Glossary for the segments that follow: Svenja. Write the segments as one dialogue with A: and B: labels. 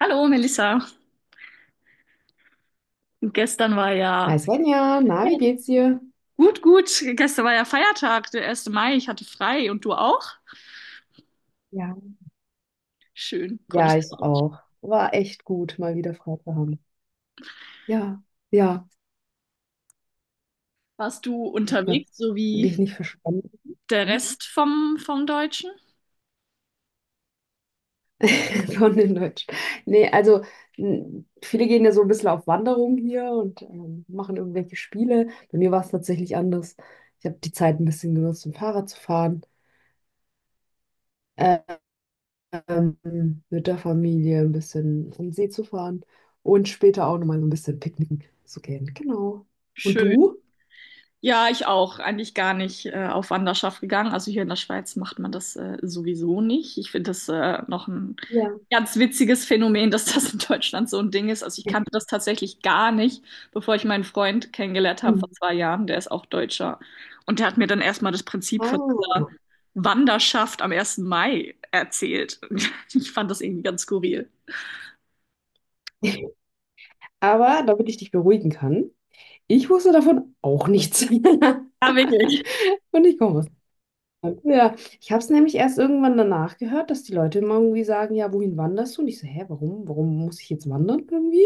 A: Hallo Melissa. Gestern war
B: Hi
A: ja
B: Svenja, na, wie geht's dir?
A: gut, gut. Gestern war ja Feiertag, der erste Mai. Ich hatte frei und du auch?
B: Ja,
A: Schön,
B: ja,
A: konntest du
B: ich
A: auch.
B: auch. War echt gut, mal wieder frei zu haben. Ja, ja.
A: Warst du
B: Ich habe gerade
A: unterwegs, so wie
B: dich nicht verstanden.
A: der Rest vom Deutschen?
B: Von den Deutsch. Nee, also viele gehen ja so ein bisschen auf Wanderung hier und machen irgendwelche Spiele. Bei mir war es tatsächlich anders. Ich habe die Zeit ein bisschen genutzt, um Fahrrad zu fahren, äh, ähm, mit der Familie ein bisschen am See zu fahren und später auch nochmal so ein bisschen picknicken zu gehen. Genau. Und
A: Schön.
B: du?
A: Ja, ich auch. Eigentlich gar nicht auf Wanderschaft gegangen. Also hier in der Schweiz macht man das sowieso nicht. Ich finde das noch ein
B: Ja.
A: ganz witziges Phänomen, dass das in Deutschland so ein Ding ist. Also ich kannte das tatsächlich gar nicht, bevor ich meinen Freund kennengelernt habe vor
B: Hm.
A: zwei Jahren. Der ist auch Deutscher. Und der hat mir dann erstmal das Prinzip
B: Ah.
A: von dieser Wanderschaft am ersten Mai erzählt. Ich fand das irgendwie ganz skurril.
B: Aber damit ich dich beruhigen kann, ich wusste davon auch nichts.
A: Ja, wirklich.
B: Und ich komme aus Deutschland. Ja, ich habe es nämlich erst irgendwann danach gehört, dass die Leute immer irgendwie sagen, ja, wohin wanderst du? Und ich so, hä, warum? Warum muss ich jetzt wandern irgendwie?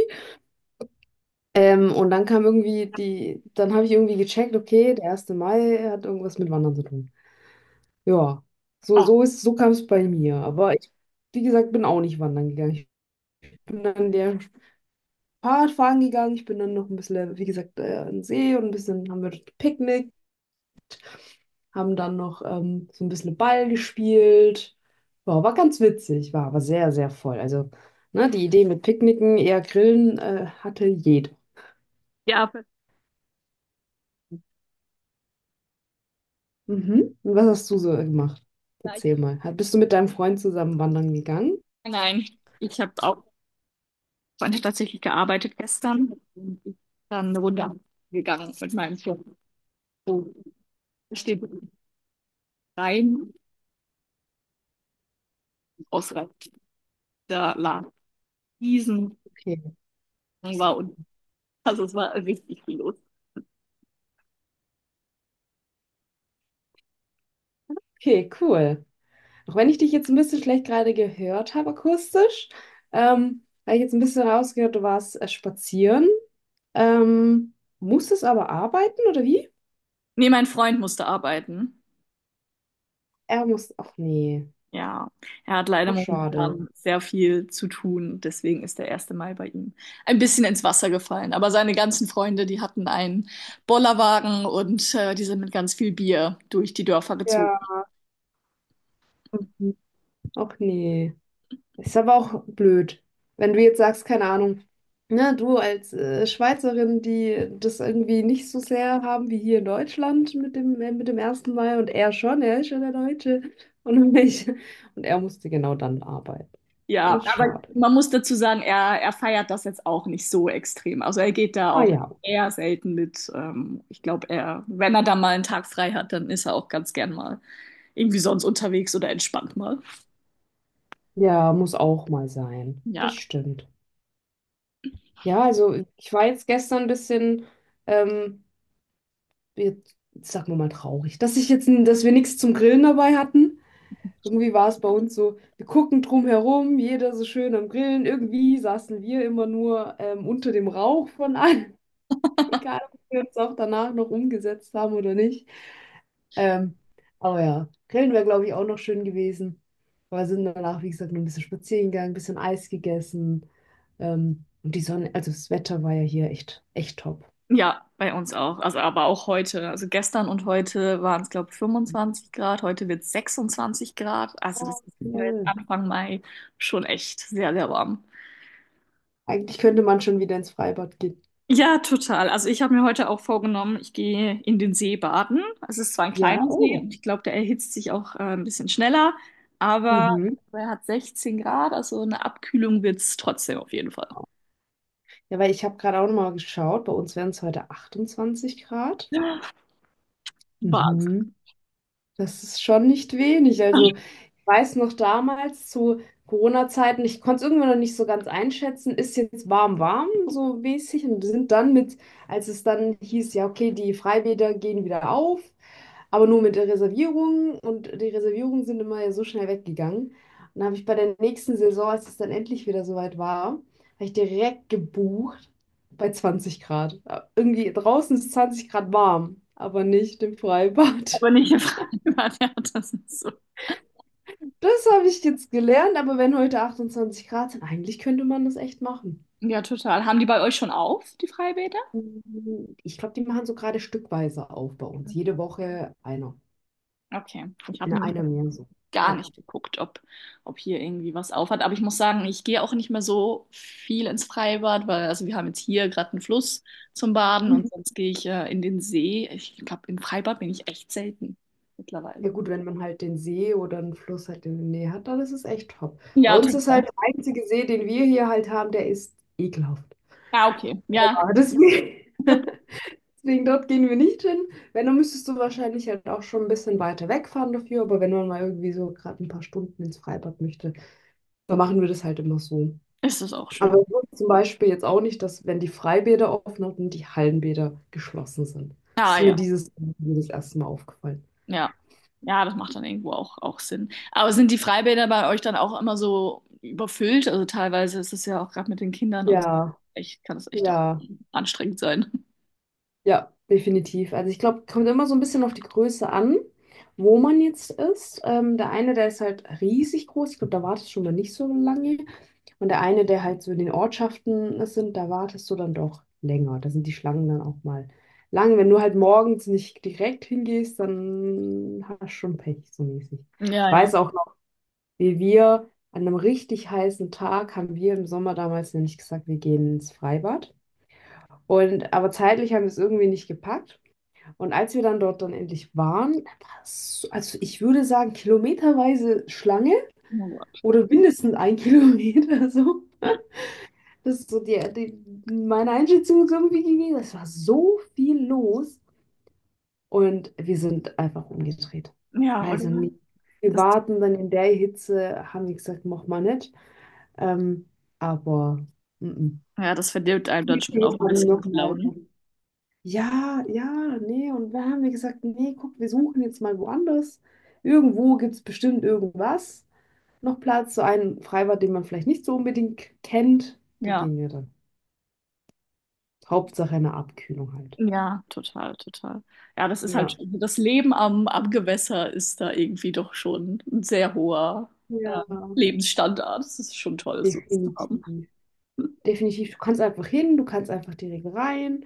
B: Und dann kam irgendwie die, dann habe ich irgendwie gecheckt, okay, der erste Mai hat irgendwas mit Wandern zu tun. Ja,
A: Ja,
B: so kam es bei mir. Aber ich, wie gesagt, bin auch nicht wandern gegangen. Ich bin an der Fahrradfahren gegangen. Ich bin dann noch ein bisschen, wie gesagt, an den See und ein bisschen haben wir dort gepicknickt, haben dann noch so ein bisschen Ball gespielt. Ja, war ganz witzig, war aber sehr, sehr voll. Also, ne, die Idee mit Picknicken, eher Grillen, hatte jeder.
A: ja,
B: Mhm. Und was hast du so gemacht?
A: vielleicht.
B: Erzähl mal. Bist du mit deinem Freund zusammen wandern gegangen?
A: Nein, ich habe auch habe tatsächlich gearbeitet gestern und ich bin dann eine Runde gegangen mit meinem Chef. So steht rein, ausreichend der Laden diesen
B: Okay,
A: war und also es war richtig viel los.
B: okay, cool. Auch wenn ich dich jetzt ein bisschen schlecht gerade gehört habe, akustisch, habe ich jetzt ein bisschen rausgehört, du warst spazieren. Ähm, muss es aber arbeiten oder wie?
A: Nee, mein Freund musste arbeiten.
B: Er muss. Ach nee.
A: Ja, er hat leider
B: Ach schade.
A: momentan sehr viel zu tun, deswegen ist der erste Mai bei ihm ein bisschen ins Wasser gefallen. Aber seine ganzen Freunde, die hatten einen Bollerwagen und die sind mit ganz viel Bier durch die Dörfer gezogen.
B: Ja. Mhm. Ach nee. Ist aber auch blöd. Wenn du jetzt sagst, keine Ahnung. Na, du als Schweizerin, die das irgendwie nicht so sehr haben wie hier in Deutschland mit mit dem ersten Mal und er schon, er ist ja der Deutsche und ich. Und er musste genau dann arbeiten. Oh,
A: Ja,
B: das ist
A: aber
B: schade.
A: man muss dazu sagen, er feiert das jetzt auch nicht so extrem. Also er geht da
B: Ah
A: auch
B: ja,
A: eher selten mit. Ich glaube, er, wenn er da mal einen Tag frei hat, dann ist er auch ganz gern mal irgendwie sonst unterwegs oder entspannt mal.
B: ja, muss auch mal sein. Das
A: Ja,
B: stimmt. Ja, also ich war jetzt gestern ein bisschen, ähm, jetzt sagen wir mal traurig, dass ich dass wir nichts zum Grillen dabei hatten. Irgendwie war es bei uns so, wir gucken drum herum, jeder so schön am Grillen. Irgendwie saßen wir immer nur unter dem Rauch von allen, egal ob wir uns auch danach noch umgesetzt haben oder nicht. Ähm, aber ja, Grillen wäre, glaube ich, auch noch schön gewesen. Aber sind danach, wie gesagt, nur ein bisschen spazieren gegangen, ein bisschen Eis gegessen. Und die Sonne, also das Wetter war ja hier echt, echt top.
A: ja, bei uns auch. Also aber auch heute. Also gestern und heute waren es, glaube ich, 25 Grad. Heute wird es 26 Grad. Also das
B: Oh,
A: ist für jetzt
B: toll.
A: Anfang Mai schon echt sehr, sehr warm.
B: Eigentlich könnte man schon wieder ins Freibad gehen.
A: Ja, total. Also ich habe mir heute auch vorgenommen, ich gehe in den See baden. Es ist zwar ein
B: Ja,
A: kleiner See
B: oh.
A: und ich glaube, der erhitzt sich auch ein bisschen schneller, aber
B: Mhm.
A: er hat 16 Grad, also eine Abkühlung wird es trotzdem auf jeden Fall.
B: Ja, weil ich habe gerade auch nochmal geschaut, bei uns wären es heute 28 Grad.
A: Wahnsinn.
B: Mhm. Das ist schon nicht wenig. Also weiß noch damals zu Corona-Zeiten, ich konnte es irgendwie noch nicht so ganz einschätzen, ist jetzt warm, warm, so mäßig. Und wir sind dann mit, als es dann hieß, ja, okay, die Freibäder gehen wieder auf, aber nur mit der Reservierung. Und die Reservierungen sind immer ja so schnell weggegangen. Und dann habe ich bei der nächsten Saison, als es dann endlich wieder soweit war, habe ich direkt gebucht bei 20 Grad. Irgendwie draußen ist 20 Grad warm, aber nicht im Freibad.
A: Aber nicht im Freibad, ja, das ist so.
B: Das habe ich jetzt gelernt, aber wenn heute 28 Grad sind, eigentlich könnte man das echt machen.
A: Ja, total. Haben die bei euch schon auf, die Freibäder?
B: Ich glaube, die machen so gerade stückweise auf bei uns.
A: Okay.
B: Jede Woche einer.
A: Okay. Ich habe
B: Eine,
A: nämlich
B: einer mehr so.
A: gar
B: Ja.
A: nicht geguckt, ob hier irgendwie was aufhat. Aber ich muss sagen, ich gehe auch nicht mehr so viel ins Freibad, weil also wir haben jetzt hier gerade einen Fluss zum Baden und
B: Mhm.
A: sonst gehe ich in den See. Ich glaube, im Freibad bin ich echt selten mittlerweile.
B: Ja gut, wenn man halt den See oder einen Fluss halt in der Nähe hat, dann ist es echt top. Bei
A: Ja,
B: uns ist halt
A: total.
B: der einzige See, den wir hier halt haben, der ist ekelhaft.
A: Ah, okay. Ja,
B: Ja, deswegen, deswegen dort gehen wir nicht hin. Wenn, dann müsstest du wahrscheinlich halt auch schon ein bisschen weiter wegfahren dafür, aber wenn man mal irgendwie so gerade ein paar Stunden ins Freibad möchte, da machen wir das halt immer so.
A: ist es auch
B: Aber
A: schön.
B: ich wusste zum Beispiel jetzt auch nicht, dass, wenn die Freibäder offen hatten, die Hallenbäder geschlossen sind. Das
A: Ah,
B: ist mir
A: ja,
B: dieses erste Mal aufgefallen.
A: ja. Ja, das macht dann irgendwo auch Sinn. Aber sind die Freibäder bei euch dann auch immer so überfüllt? Also teilweise ist es ja auch gerade mit den Kindern und so.
B: Ja,
A: Echt, kann es echt auch
B: ja.
A: anstrengend sein.
B: Ja, definitiv. Also ich glaube, kommt immer so ein bisschen auf die Größe an, wo man jetzt ist. Der eine, der ist halt riesig groß. Ich glaube, da wartest du schon mal nicht so lange. Und der eine, der halt so in den Ortschaften sind, da wartest du dann doch länger. Da sind die Schlangen dann auch mal lang. Wenn du halt morgens nicht direkt hingehst, dann hast du schon Pech, so mäßig.
A: Ja,
B: Ich
A: ja.
B: weiß auch noch, wie wir an einem richtig heißen Tag haben wir im Sommer damals nämlich gesagt, wir gehen ins Freibad. Und aber zeitlich haben wir es irgendwie nicht gepackt. Und als wir dann dort dann endlich waren, war es so- also ich würde sagen, kilometerweise Schlange
A: Oh Gott.
B: oder mindestens ein Kilometer so. Das ist so die meine Einschätzung ist irgendwie gewesen. Es war so viel los und wir sind einfach umgedreht.
A: Ja, oder?
B: Also nicht. Wir
A: Das,
B: warten dann in der Hitze, haben wir gesagt, mach mal nicht. Ähm, aber mm, mm.
A: ja, das verdirbt einem dann schon auch
B: Wir
A: ein
B: haben
A: bisschen die
B: nochmal.
A: Laune.
B: Ja, ja, nee, und dann haben wir gesagt, nee, guck, wir suchen jetzt mal woanders. Irgendwo gibt es bestimmt irgendwas noch Platz, so ein Freibad, den man vielleicht nicht so unbedingt kennt. Da
A: Ja,
B: gehen wir dann. Hauptsache eine Abkühlung halt.
A: ja, total, total. Ja, das ist
B: Ja.
A: halt schon, also das Leben am Gewässer ist da irgendwie doch schon ein sehr hoher äh,
B: Ja,
A: Lebensstandard. Das ist schon toll, so was zu haben.
B: definitiv. Definitiv. Du kannst einfach hin, du kannst einfach direkt rein,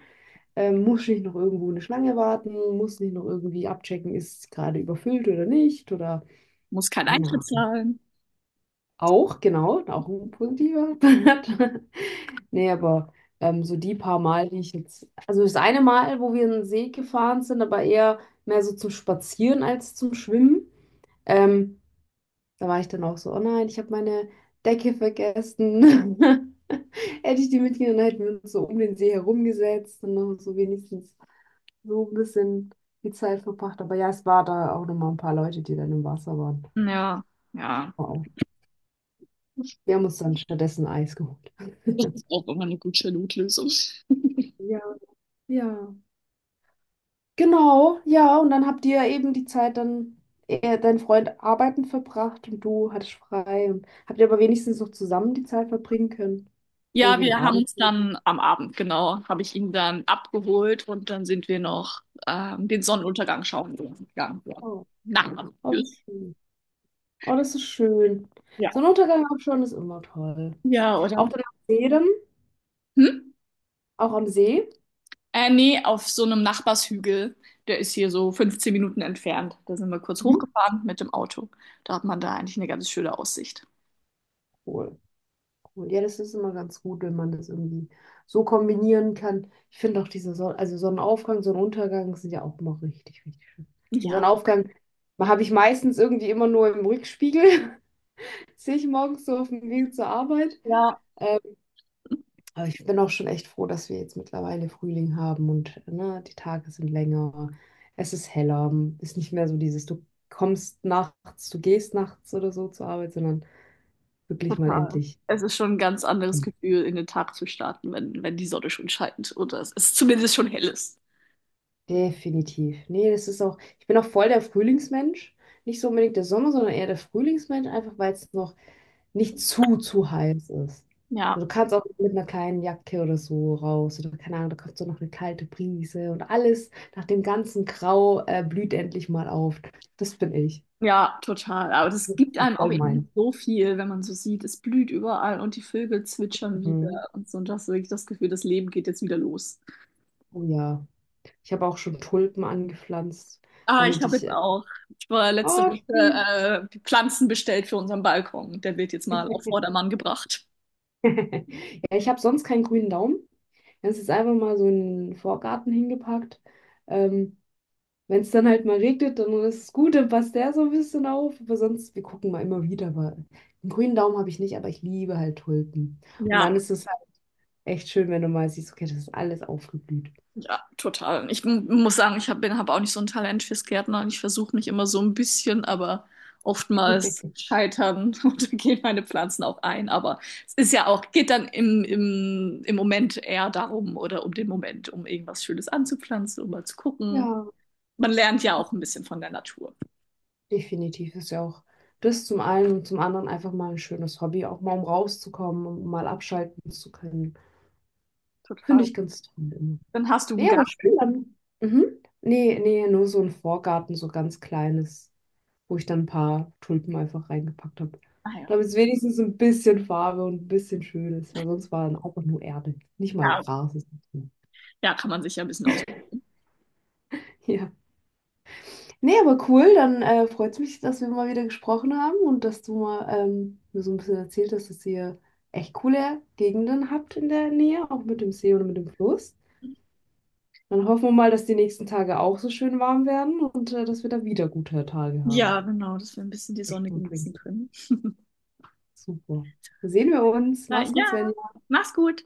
B: musst nicht noch irgendwo eine Schlange warten, musst nicht noch irgendwie abchecken, ist es gerade überfüllt oder nicht oder
A: Muss kein
B: keine
A: Eintritt
B: Ahnung.
A: zahlen.
B: Auch, genau, auch ein positiver Part. Nee, aber so die paar Mal, die ich jetzt. Also das eine Mal, wo wir in den See gefahren sind, aber eher mehr so zum Spazieren als zum Schwimmen. Ähm, da war ich dann auch so, oh nein, ich habe meine Decke vergessen. Hätte ich die mitgenommen, dann hätten wir uns so um den See herumgesetzt und noch so wenigstens so ein bisschen die Zeit verbracht. Aber ja, es war da auch nochmal ein paar Leute, die dann im Wasser waren.
A: Ja, ja.
B: Wow. Wir haben uns dann stattdessen Eis geholt.
A: Das ist auch immer eine gute Notlösung.
B: Ja, ja. Genau, ja, und dann habt ihr eben die Zeit dein Freund arbeiten verbracht und du hattest frei und habt ihr aber wenigstens noch zusammen die Zeit verbringen können. Oder
A: Ja,
B: den
A: wir haben
B: Abend.
A: uns dann am Abend, genau, habe ich ihn dann abgeholt und dann sind wir noch den Sonnenuntergang schauen gegangen. Ja.
B: Oh,
A: Nachbarn.
B: oh,
A: Ja.
B: das ist schön. Oh, das ist schön. So ein Untergang am Schauen ist immer toll.
A: Ja, oder?
B: Auch dann am See dann,
A: Hm?
B: auch am See.
A: Nee, auf so einem Nachbarshügel. Der ist hier so 15 Minuten entfernt. Da sind wir kurz
B: Mhm.
A: hochgefahren mit dem Auto. Da hat man da eigentlich eine ganz schöne Aussicht.
B: Cool. Cool. Ja, das ist immer ganz gut, wenn man das irgendwie so kombinieren kann. Ich finde auch diese Sonne, also Sonnenaufgang, Sonnenuntergang sind ja auch immer richtig, richtig schön. Den
A: Ja.
B: Sonnenaufgang habe ich meistens irgendwie immer nur im Rückspiegel, sehe ich morgens so auf dem Weg zur Arbeit.
A: Ja,
B: Aber ich bin auch schon echt froh, dass wir jetzt mittlerweile Frühling haben und ne, die Tage sind länger, es ist heller, ist nicht mehr so dieses, du kommst nachts, du gehst nachts oder so zur Arbeit, sondern wirklich mal
A: total.
B: endlich.
A: Es ist schon ein ganz anderes Gefühl, in den Tag zu starten, wenn die Sonne schon scheint oder es ist zumindest schon hell ist.
B: Definitiv. Nee, das ist auch, ich bin auch voll der Frühlingsmensch. Nicht so unbedingt der Sommer, sondern eher der Frühlingsmensch, einfach weil es noch nicht zu heiß ist.
A: Ja,
B: Also du kannst auch mit einer kleinen Jacke oder so raus oder keine Ahnung, da kommt so noch eine kalte Brise und alles nach dem ganzen Grau blüht endlich mal auf. Das bin ich.
A: ja, total. Aber das
B: Das
A: gibt
B: ist
A: einem auch
B: voll mein.
A: irgendwie so viel, wenn man so sieht, es blüht überall und die Vögel zwitschern
B: Mhm.
A: wieder und so. Und das ist wirklich das Gefühl, das Leben geht jetzt wieder los.
B: Oh ja. Ich habe auch schon Tulpen angepflanzt,
A: Ah, ich
B: damit
A: habe
B: ich.
A: jetzt auch. Ich war letzte
B: Oh, schön.
A: Woche Pflanzen bestellt für unseren Balkon. Der wird jetzt mal auf Vordermann gebracht.
B: Ja, ich habe sonst keinen grünen Daumen. Es ist einfach mal so in Vorgarten hingepackt. Ähm, wenn es dann halt mal regnet, dann ist es gut, dann passt der so ein bisschen auf. Aber sonst, wir gucken mal immer wieder. Aber einen grünen Daumen habe ich nicht, aber ich liebe halt Tulpen. Und
A: Ja.
B: dann ist es halt echt schön, wenn du mal siehst, okay, das ist alles aufgeblüht.
A: Ja, total. Ich muss sagen, habe auch nicht so ein Talent fürs Gärtnern. Ich versuche mich immer so ein bisschen, aber oftmals scheitern und dann gehen meine Pflanzen auch ein. Aber es ist ja auch, geht dann im Moment eher darum oder um den Moment, um irgendwas Schönes anzupflanzen, um mal zu gucken.
B: Ja,
A: Man lernt ja auch ein bisschen von der Natur.
B: definitiv ist ja auch das zum einen und zum anderen einfach mal ein schönes Hobby, auch mal um rauszukommen und mal abschalten zu können. Finde
A: Total.
B: ich ganz toll. Immer.
A: Dann hast du einen
B: Nee, aber schön
A: Garten.
B: dann. Mhm. Nee, nee, nur so ein Vorgarten, so ganz kleines, wo ich dann ein paar Tulpen einfach reingepackt habe.
A: Ah ja.
B: Damit es wenigstens ein bisschen Farbe und ein bisschen schön ist, weil sonst war dann auch nur Erde. Nicht mal
A: Ja,
B: Gras. Ist nicht drin.
A: Ja, kann man sich ja ein bisschen aus.
B: ja. Nee, aber cool, dann freut es mich, dass wir mal wieder gesprochen haben und dass du mal mir so ein bisschen erzählt hast, dass ihr echt coole Gegenden habt in der Nähe, auch mit dem See oder mit dem Fluss. Dann hoffen wir mal, dass die nächsten Tage auch so schön warm werden und dass wir da wieder gute Tage
A: Ja,
B: haben.
A: genau, dass wir ein bisschen die Sonne genießen können.
B: Super. Dann sehen wir uns.
A: Na
B: Mach's gut,
A: ja,
B: Svenja.
A: mach's gut.